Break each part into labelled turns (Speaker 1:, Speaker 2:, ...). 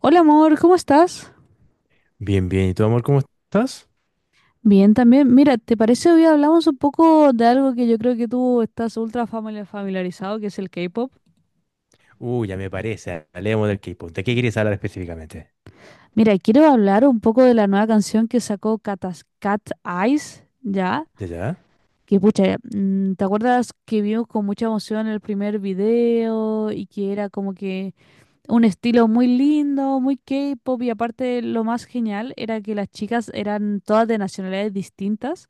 Speaker 1: Hola amor, ¿cómo estás?
Speaker 2: Bien, bien. ¿Y tú, amor, cómo estás?
Speaker 1: Bien, también. Mira, ¿te parece hoy hablamos un poco de algo que yo creo que tú estás familiarizado, que es el K-pop?
Speaker 2: Ya me parece. Hablemos del K-pop. ¿De qué quieres hablar específicamente?
Speaker 1: Mira, quiero hablar un poco de la nueva canción que sacó Cat Eyes, ¿ya?
Speaker 2: ¿Ya, ya?
Speaker 1: Que pucha, ¿te acuerdas que vimos con mucha emoción el primer video y que era como que un estilo muy lindo, muy K-pop, y aparte lo más genial era que las chicas eran todas de nacionalidades distintas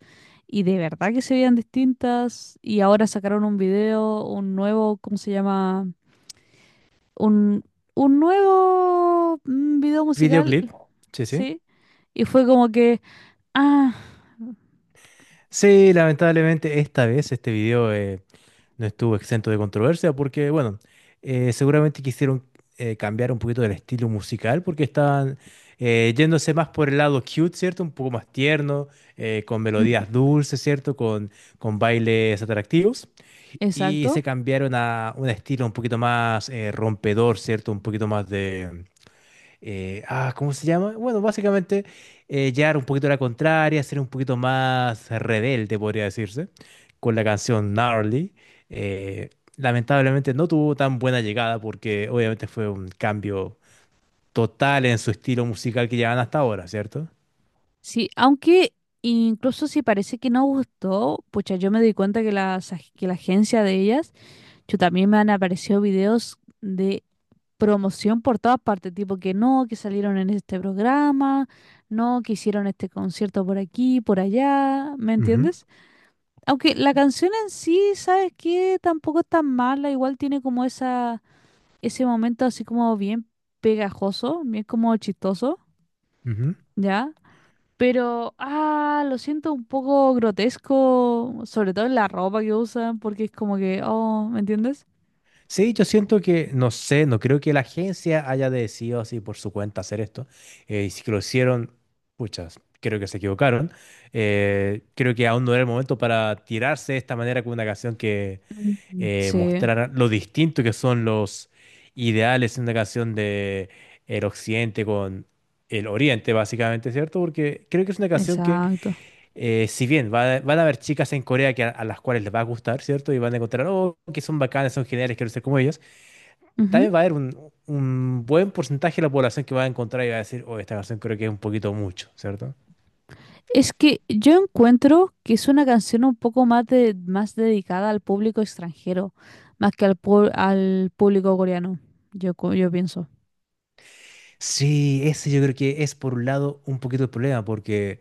Speaker 1: y de verdad que se veían distintas? Y ahora sacaron un video, un nuevo, ¿cómo se llama? Un, un nuevo video musical,
Speaker 2: ¿Videoclip? Sí, sí.
Speaker 1: ¿sí? Y fue como que, ah,
Speaker 2: Sí, lamentablemente esta vez este video no estuvo exento de controversia porque, bueno, seguramente quisieron cambiar un poquito del estilo musical porque estaban yéndose más por el lado cute, ¿cierto? Un poco más tierno, con melodías
Speaker 1: ujú,
Speaker 2: dulces, ¿cierto? Con bailes atractivos. Y se
Speaker 1: exacto.
Speaker 2: cambiaron a un estilo un poquito más rompedor, ¿cierto? Un poquito más de ¿cómo se llama? Bueno, básicamente llevar un poquito a la contraria, ser un poquito más rebelde, podría decirse, con la canción Gnarly. Eh, Lamentablemente no tuvo tan buena llegada porque obviamente fue un cambio total en su estilo musical que llevan hasta ahora, ¿cierto?
Speaker 1: Sí, aunque incluso si parece que no gustó, pucha, yo me di cuenta que que la agencia de ellas, yo también, me han aparecido videos de promoción por todas partes, tipo que no, que salieron en este programa, no, que hicieron este concierto por aquí, por allá, ¿me
Speaker 2: Ujú,
Speaker 1: entiendes? Aunque la canción en sí, ¿sabes qué? Tampoco es tan mala, igual tiene como esa, ese momento así como bien pegajoso, bien como chistoso,
Speaker 2: ujú.
Speaker 1: ¿ya? Pero, ah, lo siento un poco grotesco, sobre todo en la ropa que usan, porque es como que, oh, ¿me entiendes?
Speaker 2: Sí, yo siento que, no sé, no creo que la agencia haya decidido así por su cuenta hacer esto. Y si lo hicieron, puchas, creo que se equivocaron. Creo que aún no era el momento para tirarse de esta manera con una canción que
Speaker 1: Mm, sí.
Speaker 2: mostrara lo distinto que son los ideales en una canción de el occidente con el oriente, básicamente, ¿cierto? Porque creo que es una canción que,
Speaker 1: Exacto.
Speaker 2: si bien van a haber chicas en Corea que a las cuales les va a gustar, ¿cierto? Y van a encontrar, oh, que son bacanas, son geniales, quiero ser como ellas,
Speaker 1: Ujú.
Speaker 2: también va a haber un buen porcentaje de la población que va a encontrar y va a decir, oh, esta canción creo que es un poquito mucho, ¿cierto?
Speaker 1: Es que yo encuentro que es una canción un poco más, de, más dedicada al público extranjero, más que al, al público coreano, yo, yo pienso.
Speaker 2: Sí, ese yo creo que es por un lado un poquito el problema, porque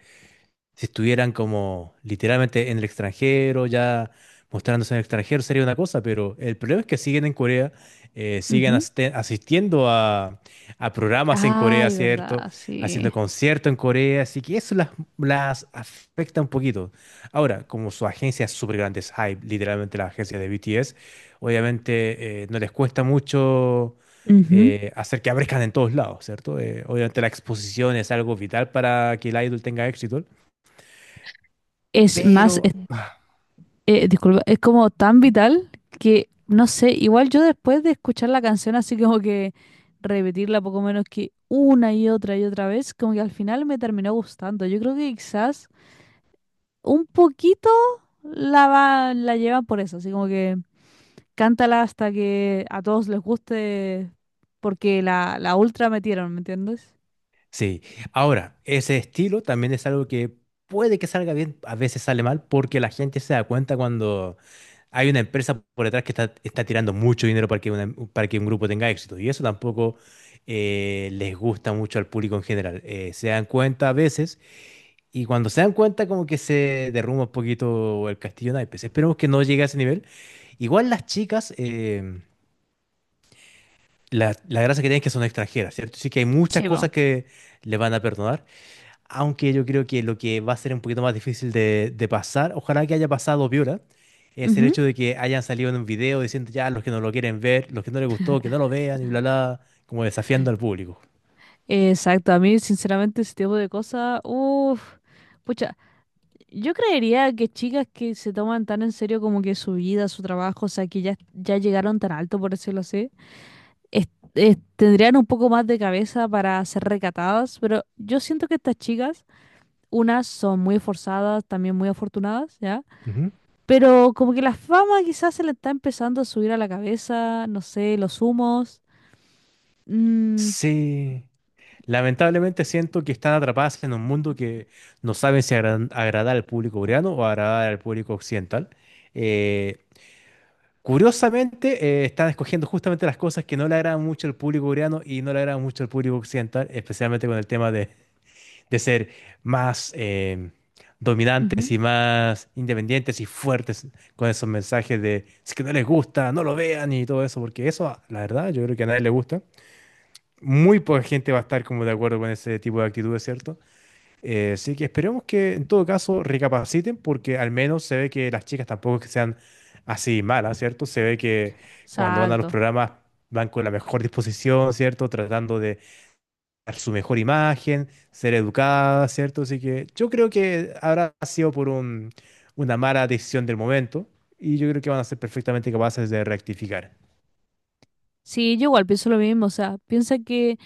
Speaker 2: si estuvieran como literalmente en el extranjero, ya mostrándose en el extranjero, sería una cosa, pero el problema es que siguen en Corea, siguen
Speaker 1: Ujú.
Speaker 2: asistiendo a programas en Corea,
Speaker 1: Ay,
Speaker 2: ¿cierto?
Speaker 1: verdad,
Speaker 2: Haciendo
Speaker 1: sí.
Speaker 2: conciertos en Corea, así que eso las afecta un poquito. Ahora, como su agencia es súper grande, es Hype, literalmente la agencia de BTS, obviamente no les cuesta mucho
Speaker 1: Ujú.
Speaker 2: hacer que aparezcan en todos lados, ¿cierto? Obviamente la exposición es algo vital para que el idol tenga éxito.
Speaker 1: Es más,
Speaker 2: Pero
Speaker 1: disculpa, es como tan vital que, no sé, igual yo después de escuchar la canción así como que repetirla poco menos que una y otra vez, como que al final me terminó gustando. Yo creo que quizás un poquito la va, la llevan por eso, así como que cántala hasta que a todos les guste, porque la ultra metieron, ¿me entiendes?
Speaker 2: sí, ahora, ese estilo también es algo que puede que salga bien, a veces sale mal, porque la gente se da cuenta cuando hay una empresa por detrás que está tirando mucho dinero para que, para que un grupo tenga éxito. Y eso tampoco les gusta mucho al público en general. Se dan cuenta a veces, y cuando se dan cuenta, como que se derrumba un poquito el castillo de naipes. Esperemos que no llegue a ese nivel. Igual las chicas, la gracia que tienen es que son extranjeras, ¿cierto? Sí que hay muchas
Speaker 1: Sí,
Speaker 2: cosas
Speaker 1: vamos.
Speaker 2: que le van a perdonar, aunque yo creo que lo que va a ser un poquito más difícil de pasar, ojalá que haya pasado Viola, es el hecho de que hayan salido en un video diciendo ya los que no lo quieren ver, los que no les gustó, que no lo vean y bla, bla, como desafiando al público.
Speaker 1: Exacto, a mí sinceramente ese tipo de cosas, uff, pucha, yo creería que chicas que se toman tan en serio como que su vida, su trabajo, o sea, que ya llegaron tan alto, por decirlo así, es- tendrían un poco más de cabeza para ser recatadas, pero yo siento que estas chicas, unas son muy forzadas, también muy afortunadas, ¿ya?
Speaker 2: Ujú.
Speaker 1: Pero como que la fama quizás se le está empezando a subir a la cabeza, no sé, los humos. Mm,
Speaker 2: Sí, lamentablemente siento que están atrapadas en un mundo que no saben si agradar al público coreano o agradar al público occidental. Eh, Curiosamente, están escogiendo justamente las cosas que no le agradan mucho al público coreano y no le agradan mucho al público occidental, especialmente con el tema de ser más
Speaker 1: ujú,
Speaker 2: dominantes y más independientes y fuertes con esos mensajes de si que no les gusta, no lo vean y todo eso, porque eso, la verdad, yo creo que a nadie le gusta. Muy poca gente va a estar como de acuerdo con ese tipo de actitudes, ¿cierto? Así que esperemos que en todo caso recapaciten porque al menos se ve que las chicas tampoco es que sean así malas, ¿cierto? Se ve que cuando van a los
Speaker 1: exacto.
Speaker 2: programas van con la mejor disposición, ¿cierto? Tratando de dar su mejor imagen, ser educadas, ¿cierto? Así que yo creo que habrá sido por una mala decisión del momento y yo creo que van a ser perfectamente capaces de rectificar.
Speaker 1: Sí, yo igual pienso lo mismo, o sea, piensa que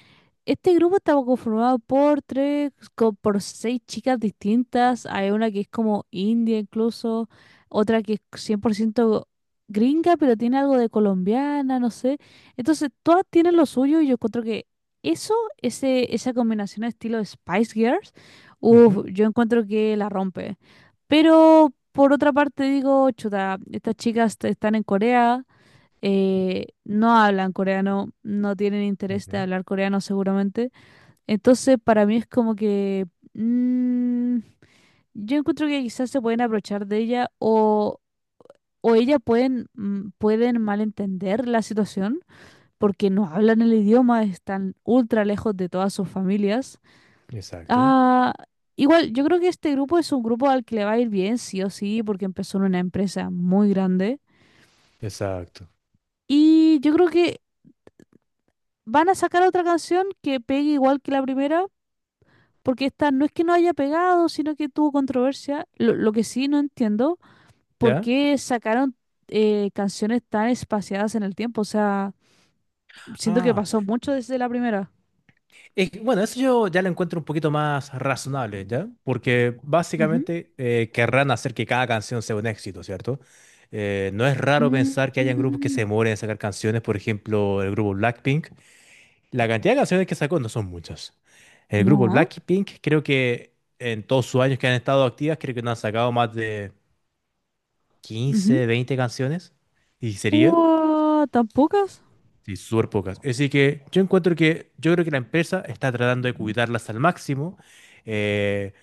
Speaker 1: este grupo está conformado por por seis chicas distintas. Hay una que es como india incluso, otra que es 100% gringa, pero tiene algo de colombiana, no sé. Entonces, todas tienen lo suyo y yo encuentro que eso, esa combinación de estilo Spice Girls,
Speaker 2: Ujú,
Speaker 1: uff, yo encuentro que la rompe. Pero por otra parte digo, chuta, estas chicas están en Corea, no hablan coreano, no tienen interés de
Speaker 2: ujú.
Speaker 1: hablar coreano seguramente. Entonces, para mí es como que mm, yo encuentro que quizás se pueden aprovechar de ella o ella pueden, pueden malentender la situación porque no hablan el idioma, están ultra lejos de todas sus familias.
Speaker 2: Exacto,
Speaker 1: Ah, igual, yo creo que este grupo es un grupo al que le va a ir bien, sí o sí, porque empezó en una empresa muy grande.
Speaker 2: exacto.
Speaker 1: Y yo creo que van a sacar otra canción que pegue igual que la primera, porque esta no es que no haya pegado, sino que tuvo controversia. Lo que sí no entiendo, ¿por
Speaker 2: ¿Ya?
Speaker 1: qué sacaron canciones tan espaciadas en el tiempo? O sea, siento que
Speaker 2: Ah.
Speaker 1: pasó mucho desde la primera.
Speaker 2: Es que, bueno, eso yo ya lo encuentro un poquito más razonable, ¿ya? Porque
Speaker 1: Ujú.
Speaker 2: básicamente querrán hacer que cada canción sea un éxito, ¿cierto? No es raro pensar que hayan grupos que se
Speaker 1: Mm,
Speaker 2: demoren en sacar canciones, por ejemplo, el grupo Blackpink. La cantidad de canciones que sacó no son muchas. El grupo
Speaker 1: no.
Speaker 2: Blackpink creo que en todos sus años que han estado activas, creo que no han sacado más de
Speaker 1: Ujú.
Speaker 2: 15, 20 canciones. ¿Y sería?
Speaker 1: Ua, ¿tan pocas?
Speaker 2: Sí, súper pocas. Así que yo encuentro que, yo creo que la empresa está tratando de cuidarlas al máximo. Eh,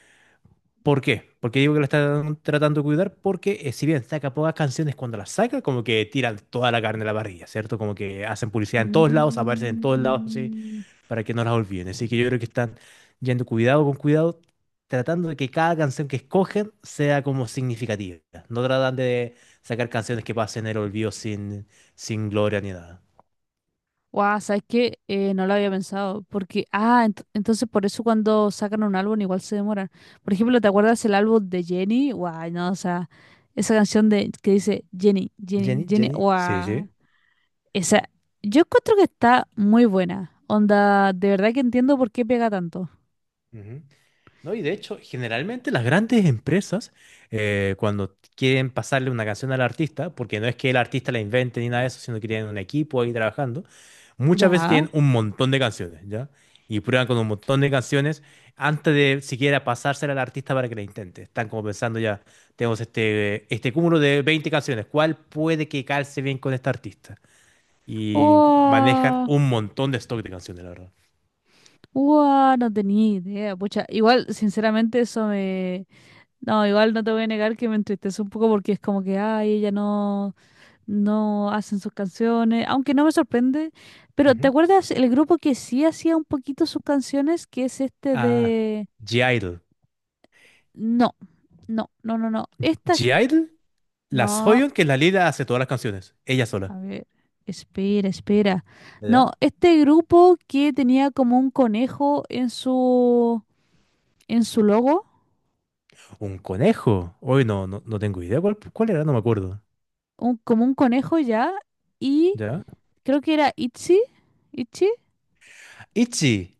Speaker 2: ¿Por qué? Porque digo que la están tratando de cuidar porque si bien saca pocas canciones, cuando las saca como que tiran toda la carne a la parrilla, ¿cierto? Como que hacen publicidad en todos lados, aparecen en todos lados, así,
Speaker 1: Mm.
Speaker 2: para que no las olviden. Así que yo creo que están yendo cuidado con cuidado, tratando de que cada canción que escogen sea como significativa. No tratan de sacar canciones que pasen el olvido sin, sin gloria ni nada.
Speaker 1: Guau, ¿sabes qué? No lo había pensado, porque, ah, entonces por eso cuando sacan un álbum igual se demoran. Por ejemplo, ¿te acuerdas el álbum de Jenny? Guau, no, o sea, esa canción de que dice Jenny, Jenny,
Speaker 2: Jenny,
Speaker 1: Jenny,
Speaker 2: Jenny, sí, sí.
Speaker 1: guau, esa, yo encuentro que está muy buena. Onda, de verdad que entiendo por qué pega tanto.
Speaker 2: Ujú. No, y de hecho, generalmente las grandes empresas, cuando quieren pasarle una canción al artista, porque no es que el artista la invente ni nada de eso, sino que tienen un equipo ahí trabajando, muchas veces
Speaker 1: Ya,
Speaker 2: tienen un montón de canciones, ¿ya? Y prueban con un montón de canciones antes de siquiera pasársela al artista para que la intente. Están como pensando ya, tenemos este cúmulo de 20 canciones, ¿cuál puede que calce bien con este artista? Y manejan
Speaker 1: guau,
Speaker 2: un montón de stock de canciones, la
Speaker 1: guau, no tenía idea, pucha, igual, sinceramente, eso me... no, igual no te voy a negar que me entristece un poco porque es como que, ay, ella no, no hacen sus canciones, aunque no me sorprende, pero ¿te
Speaker 2: verdad.
Speaker 1: acuerdas el grupo que sí hacía un poquito sus canciones, que es este
Speaker 2: A
Speaker 1: de...
Speaker 2: G-Idle.
Speaker 1: No, no, esta...
Speaker 2: G la
Speaker 1: no,
Speaker 2: Soyeon que es la líder hace todas las canciones, ella sola.
Speaker 1: a ver, espera, espera. No,
Speaker 2: ¿Ya?
Speaker 1: este grupo que tenía como un conejo en su logo,
Speaker 2: Un conejo. Hoy no, no, no tengo idea cuál era, no me acuerdo.
Speaker 1: un, como un conejo ya, y
Speaker 2: ¿Ya?
Speaker 1: creo que era Itzy, Itchy,
Speaker 2: Itzy.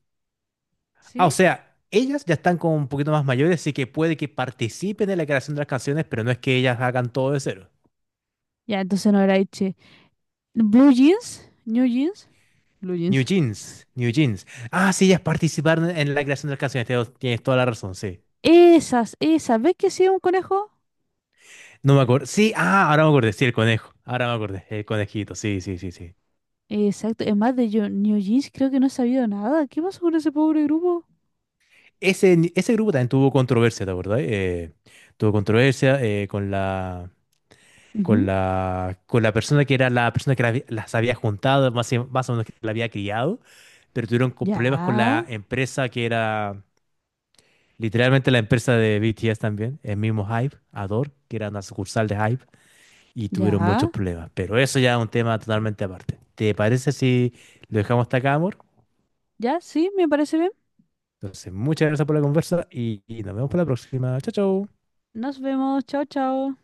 Speaker 2: Ah, o
Speaker 1: ¿sí?
Speaker 2: sea, ellas ya están como un poquito más mayores, así que puede que participen en la creación de las canciones, pero no es que ellas hagan todo de cero.
Speaker 1: Ya, entonces no era Itchy. Blue Jeans, New Jeans, Blue
Speaker 2: New
Speaker 1: Jeans.
Speaker 2: Jeans, New Jeans. Ah, sí, ellas participaron en la creación de las canciones, tienes toda la razón, sí.
Speaker 1: Esas, esas. ¿Ves que sí es un conejo?
Speaker 2: No me acuerdo. Sí, ah, ahora me acordé, sí, el conejo. Ahora me acordé, el conejito, sí, sí, sí, sí.
Speaker 1: Exacto. Es más, de New Jeans creo que no he sabido nada. ¿Qué pasó con ese pobre grupo?
Speaker 2: Ese grupo también tuvo controversia, ¿te acordás? Tuvo controversia eh, con la, con
Speaker 1: Ujú.
Speaker 2: la, con la persona que era la persona que las había juntado, más o menos que la había criado, pero tuvieron problemas con
Speaker 1: Ya,
Speaker 2: la empresa que era literalmente la empresa de BTS también, el mismo Hype, Adore, que era una sucursal de Hype, y tuvieron muchos
Speaker 1: ya,
Speaker 2: problemas. Pero eso ya es un tema totalmente aparte. ¿Te parece si lo dejamos hasta acá, amor?
Speaker 1: ya, sí, me parece bien.
Speaker 2: Entonces, muchas gracias por la conversa y nos vemos para la próxima. Chao, chao.
Speaker 1: Nos vemos. Chao, chao.